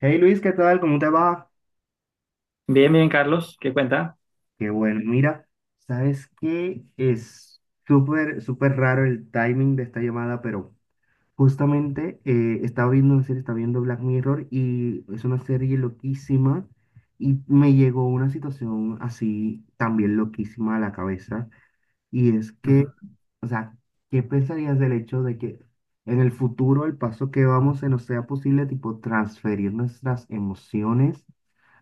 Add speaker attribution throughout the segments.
Speaker 1: Hey Luis, ¿qué tal? ¿Cómo te va?
Speaker 2: Bien, bien, Carlos, ¿qué cuenta?
Speaker 1: Qué bueno, mira, ¿sabes qué? Es súper, súper raro el timing de esta llamada, pero justamente estaba viendo una serie, estaba viendo Black Mirror y es una serie loquísima y me llegó una situación así también loquísima a la cabeza. Y es que,
Speaker 2: Ujú.
Speaker 1: o sea, ¿qué pensarías del hecho de que en el futuro el paso que vamos se nos sea posible, tipo, transferir nuestras emociones,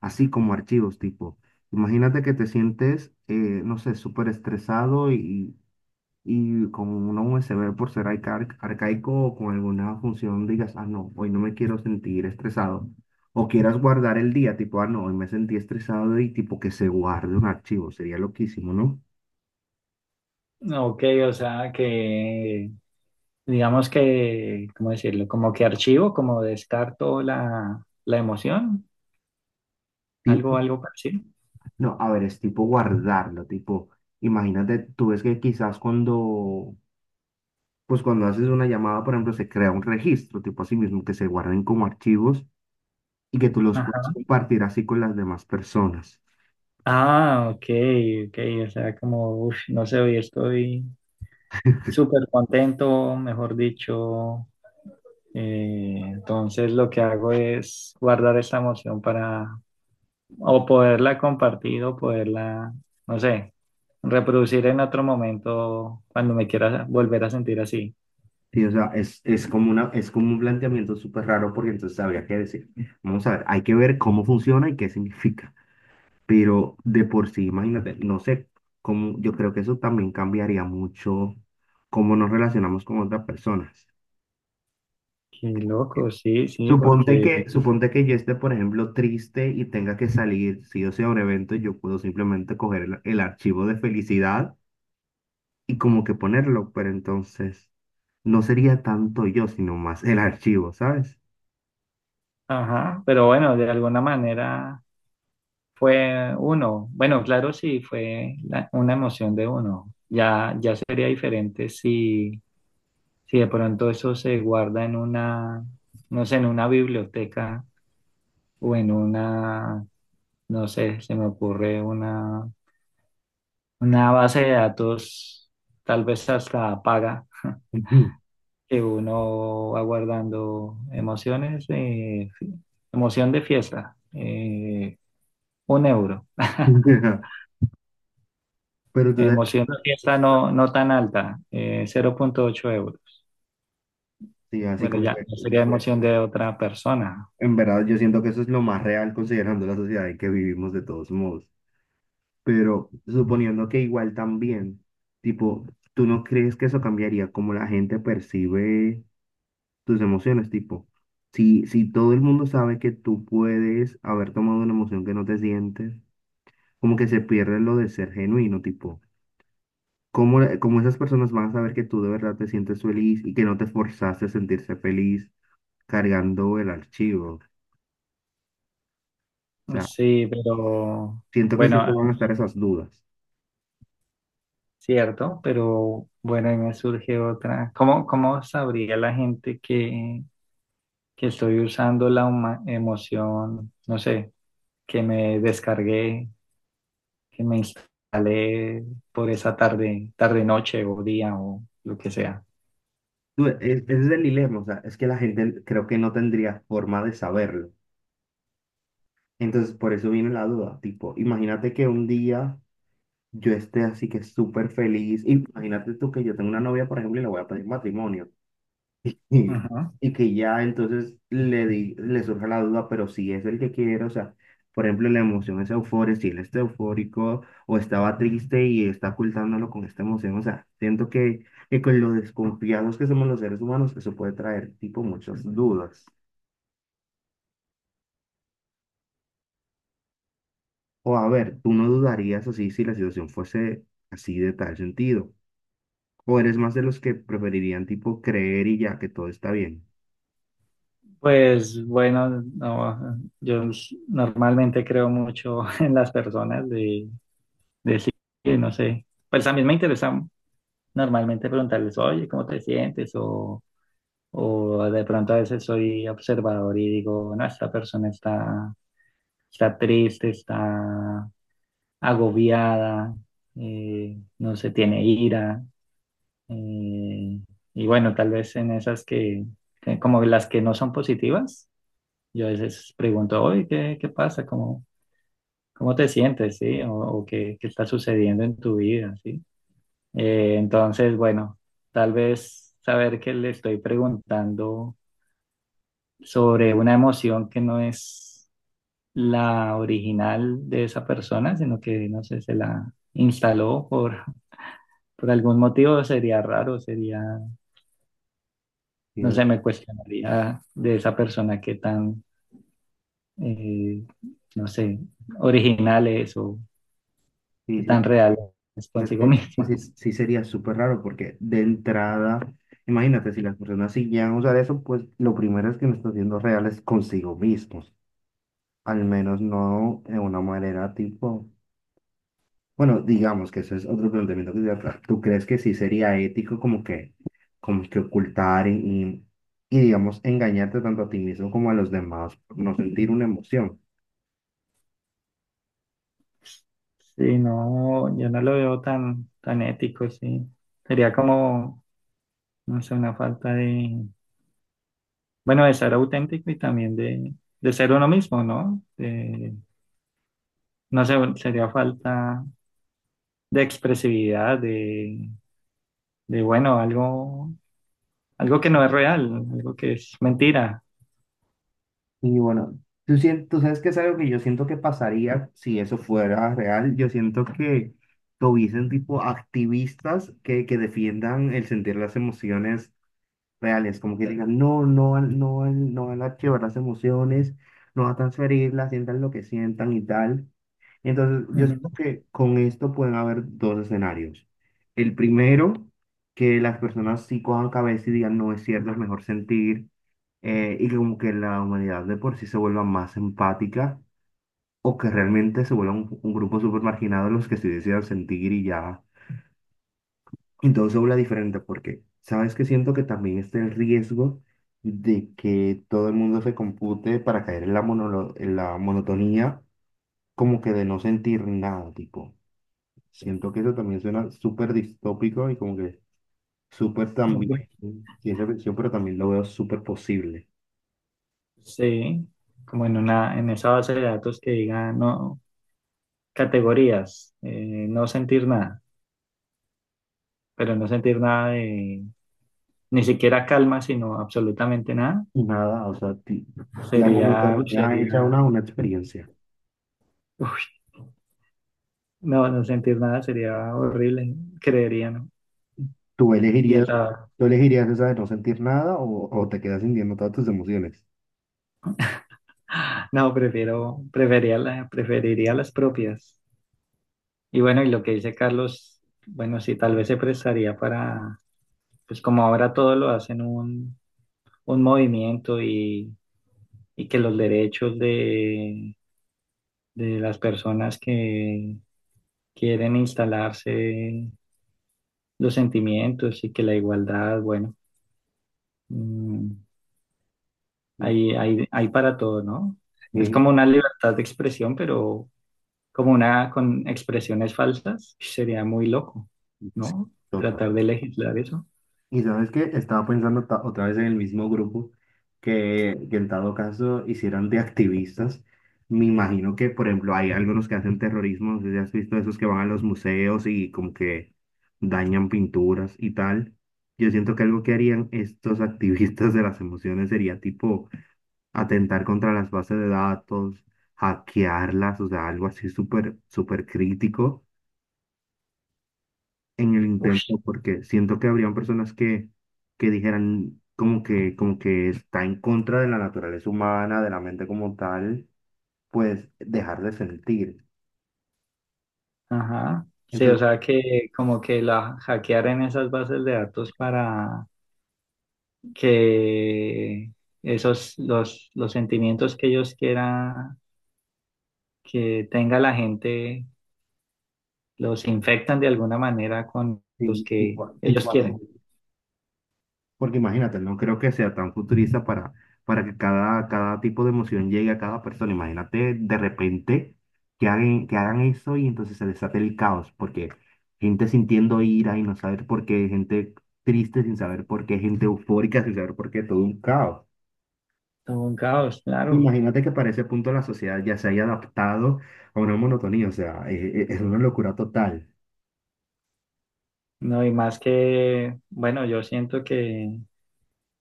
Speaker 1: así como archivos, tipo, imagínate que te sientes, no sé, súper estresado y con una USB por ser arcaico o con alguna función digas, ah, no, hoy no me quiero sentir estresado. O quieras guardar el día, tipo, ah, no, hoy me sentí estresado y tipo que se guarde un archivo, sería loquísimo, ¿no?
Speaker 2: Ok, o sea digamos que, ¿cómo decirlo? Como que archivo, como descarto la emoción, algo parecido.
Speaker 1: No, a ver, es tipo guardarlo, tipo, imagínate, tú ves que quizás cuando, pues cuando haces una llamada, por ejemplo, se crea un registro, tipo así mismo, que se guarden como archivos y que tú los puedes
Speaker 2: Ajá.
Speaker 1: compartir así con las demás personas.
Speaker 2: Ah, ok, ok, o sea, como, uf, no sé, hoy estoy súper contento, mejor dicho. Entonces lo que hago es guardar esta emoción para o poderla compartir o poderla, no sé, reproducir en otro momento cuando me quiera volver a sentir así.
Speaker 1: Sí, o sea, es como una, es como un planteamiento súper raro porque entonces habría que decir, vamos a ver, hay que ver cómo funciona y qué significa, pero de por sí, imagínate, no sé cómo, yo creo que eso también cambiaría mucho cómo nos relacionamos con otras personas.
Speaker 2: Qué loco, sí, sí,
Speaker 1: Suponte que yo esté, por ejemplo, triste y tenga que salir, si yo sea un evento, yo puedo simplemente coger el archivo de felicidad y como que ponerlo, pero entonces no sería tanto yo, sino más el archivo, ¿sabes?
Speaker 2: ajá, pero bueno, de alguna manera fue uno. Bueno, claro, sí, una emoción de uno. Ya, ya sería diferente si de pronto eso se guarda en una, no sé, en una biblioteca o en una, no sé, se me ocurre una base de datos, tal vez hasta paga, que uno va guardando emociones, emoción de fiesta, 1 euro.
Speaker 1: Ujú. Ajá. Pero tú
Speaker 2: Emoción de
Speaker 1: sabes,
Speaker 2: fiesta no, no tan alta, 0,8 euros.
Speaker 1: sí, así
Speaker 2: Bueno,
Speaker 1: como que
Speaker 2: ya, no sería emoción de otra persona.
Speaker 1: en verdad yo siento que eso es lo más real considerando la sociedad en que vivimos de todos modos. Pero suponiendo que igual también, tipo, ¿tú no crees que eso cambiaría como la gente percibe tus emociones? Tipo, si, si todo el mundo sabe que tú puedes haber tomado una emoción que no te sientes, como que se pierde lo de ser genuino, tipo, ¿cómo, cómo esas personas van a saber que tú de verdad te sientes feliz y que no te forzaste a sentirse feliz cargando el archivo? O sea,
Speaker 2: Sí, pero
Speaker 1: siento que siempre
Speaker 2: bueno,
Speaker 1: van a estar esas dudas.
Speaker 2: cierto, pero bueno, ahí me surge otra. ¿Cómo, cómo sabría la gente que estoy usando emoción, no sé, que me descargué, que me instalé por esa tarde, tarde noche o día o lo que sea.
Speaker 1: Tú, ese es el dilema, o sea, es que la gente creo que no tendría forma de saberlo. Entonces, por eso viene la duda, tipo, imagínate que un día yo esté así que súper feliz. Y imagínate tú que yo tengo una novia, por ejemplo, y le voy a pedir matrimonio. Y,
Speaker 2: Ujú.
Speaker 1: y que ya entonces le, di, le surge la duda, pero si es el que quiere, o sea, por ejemplo, la emoción es euforia, si él está eufórico o estaba triste y está ocultándolo con esta emoción, o sea, siento que con lo desconfiados que somos los seres humanos, eso puede traer tipo muchas dudas. O a ver, tú no dudarías así si la situación fuese así de tal sentido. ¿O eres más de los que preferirían tipo creer y ya que todo está bien?
Speaker 2: Pues bueno, no, normalmente creo mucho en las personas de decir, no sé, pues a mí me interesa normalmente preguntarles, oye, ¿cómo te sientes? O de pronto a veces soy observador y digo, no, esta persona está, está triste, está agobiada, no se tiene ira, eh, y bueno, tal vez en esas que como las que no son positivas, yo a veces pregunto, oye, ¿qué, qué pasa? ¿Cómo, cómo te sientes? ¿Sí? O qué, qué está sucediendo en tu vida, ¿sí? Entonces, bueno, tal vez saber que le estoy preguntando sobre una emoción que no es la original de esa persona, sino que, no sé, se la instaló por algún motivo sería raro, sería,
Speaker 1: Sí,
Speaker 2: no sé, me cuestionaría de esa persona qué tan, eh, no sé, original es o qué
Speaker 1: sí, sí.
Speaker 2: tan real es
Speaker 1: Es que
Speaker 2: consigo
Speaker 1: es
Speaker 2: misma.
Speaker 1: sí, sí sería súper raro porque de entrada, imagínate, si las personas siguieran a usar eso, pues lo primero es que no están siendo reales consigo mismos. Al menos no de una manera tipo, bueno, digamos que eso es otro planteamiento que se trata. ¿Tú crees que sí sería ético como que ocultar y, digamos engañarte tanto a ti mismo como a los demás por no sentir una emoción?
Speaker 2: Sí, no, yo no lo veo tan, tan ético, sí. Sería como, no sé, una falta de, bueno, de ser auténtico y también de ser uno mismo, ¿no? No sé, sería falta de expresividad, bueno, algo algo que no es real, algo que es mentira.
Speaker 1: Y bueno, tú, tú sabes que es algo que yo siento que pasaría si eso fuera real. Yo siento que hubiesen tipo activistas que defiendan el sentir las emociones reales, como que digan, no, no van, no van, no van a archivar las emociones, no van a transferirlas, sientan lo que sientan y tal. Entonces, yo siento
Speaker 2: Ujú.
Speaker 1: que con esto pueden haber dos escenarios. El primero, que las personas sí cojan cabeza y digan, no es cierto, es mejor sentir, y que como que la humanidad de por sí se vuelva más empática, o que realmente se vuelva un grupo súper marginado los que sí decidan sentir y ya entonces se habla diferente porque, ¿sabes que Siento que también está el riesgo de que todo el mundo se compute para caer en la, en la monotonía, como que de no sentir nada, tipo. Siento que eso también suena súper distópico y como que súper también,
Speaker 2: Ok.
Speaker 1: ciencia ficción, pero también lo veo súper posible.
Speaker 2: Sí, como en una, en esa base de datos que diga no, categorías, no sentir nada, pero no sentir nada de, ni siquiera calma, sino absolutamente nada,
Speaker 1: Y nada, o sea, la
Speaker 2: sería, uy,
Speaker 1: monotonía hecha
Speaker 2: sería,
Speaker 1: una experiencia.
Speaker 2: no, no sentir nada sería horrible, creería, ¿no?
Speaker 1: ¿Tú
Speaker 2: Y
Speaker 1: elegirías,
Speaker 2: hasta,
Speaker 1: tú elegirías esa de no sentir nada o, o te quedas sintiendo todas tus emociones?
Speaker 2: no, prefiero, preferiría, preferiría las propias. Y bueno, y lo que dice Carlos, bueno, sí, tal vez se prestaría para pues como ahora todo lo hacen un movimiento y que los derechos de las personas que quieren instalarse los sentimientos y que la igualdad, bueno, mm, hay para todo, ¿no? Es como
Speaker 1: Sí.
Speaker 2: una libertad de expresión, pero como una con expresiones falsas, sería muy loco,
Speaker 1: Sí,
Speaker 2: ¿no?
Speaker 1: total.
Speaker 2: Tratar de legislar eso.
Speaker 1: Y sabes que estaba pensando otra vez en el mismo grupo que en dado caso hicieran de activistas. Me imagino que, por ejemplo, hay algunos que hacen terrorismo, no sé si has visto esos que van a los museos y como que dañan pinturas y tal. Yo siento que algo que harían estos activistas de las emociones sería tipo atentar contra las bases de datos, hackearlas, o sea, algo así súper, súper crítico en el
Speaker 2: Uf,
Speaker 1: intento porque siento que habrían personas que dijeran como que está en contra de la naturaleza humana, de la mente como tal, pues dejar de sentir.
Speaker 2: ajá. Sí, o
Speaker 1: Entonces,
Speaker 2: sea que como que la hackearan esas bases de datos para que esos los sentimientos que ellos quieran que tenga la gente los infectan de alguna manera con los
Speaker 1: sí,
Speaker 2: que
Speaker 1: tipo,
Speaker 2: ellos
Speaker 1: tipo así.
Speaker 2: quieren.
Speaker 1: Porque imagínate, no creo que sea tan futurista para que cada, cada tipo de emoción llegue a cada persona. Imagínate de repente que hagan eso y entonces se desate el caos, porque gente sintiendo ira y no saber por qué, gente triste sin saber por qué, gente eufórica sin saber por qué, todo un caos.
Speaker 2: Todo un caos, claro.
Speaker 1: Imagínate que para ese punto la sociedad ya se haya adaptado a una monotonía, o sea, es, una locura total.
Speaker 2: No, y más que, bueno, yo siento que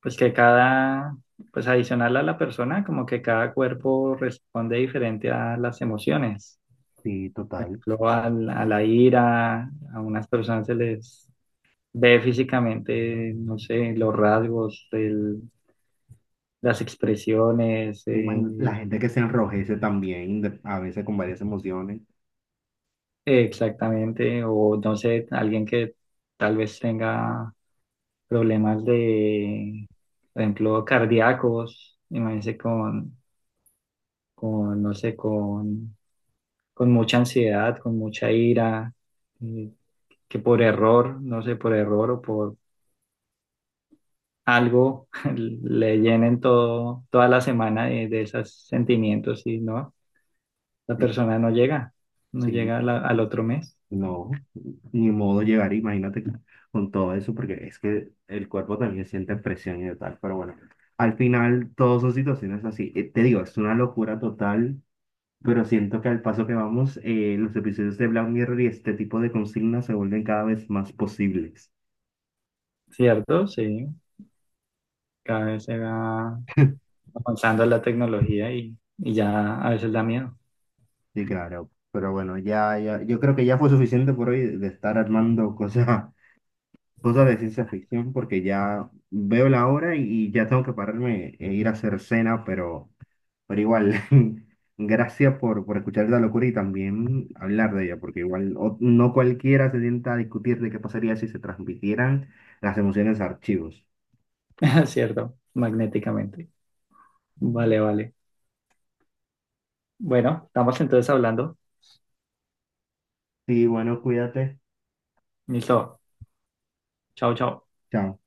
Speaker 2: pues que cada pues adicional a la persona, como que cada cuerpo responde diferente a las emociones.
Speaker 1: Sí,
Speaker 2: Por
Speaker 1: total.
Speaker 2: ejemplo, a la ira, a unas personas se les ve físicamente, no sé, los rasgos, las expresiones,
Speaker 1: Imagínate la gente que se enrojece también, a veces con varias emociones.
Speaker 2: exactamente, o no sé, alguien que tal vez tenga problemas de, por ejemplo, cardíacos, imagínense con, no sé, con mucha ansiedad, con mucha ira, eh, que por error, no sé, por error o por algo le llenen todo, toda la semana de esos sentimientos y no, la
Speaker 1: Sí,
Speaker 2: persona no llega, no
Speaker 1: sí.
Speaker 2: llega a al otro mes,
Speaker 1: No, ni modo llegar, imagínate con todo eso, porque es que el cuerpo también siente presión y tal, pero bueno, al final todas son situaciones así. Te digo, es una locura total, pero siento que al paso que vamos, los episodios de Black Mirror y este tipo de consignas se vuelven cada vez más posibles.
Speaker 2: ¿cierto? Sí, cada vez se va avanzando la tecnología y ya a veces da miedo,
Speaker 1: Sí, claro, pero bueno, ya, ya, yo creo que ya fue suficiente por hoy de estar armando cosas, cosas de ciencia ficción, porque ya veo la hora y ya tengo que pararme e ir a hacer cena, pero... Pero igual, gracias por escuchar esta locura y también hablar de ella, porque igual no cualquiera se sienta a discutir de qué pasaría si se transmitieran las emociones a archivos.
Speaker 2: ¿cierto? Magnéticamente. Vale, vale. Bueno, estamos entonces hablando.
Speaker 1: Sí, bueno, cuídate.
Speaker 2: Listo. Chao, chao.
Speaker 1: Chao.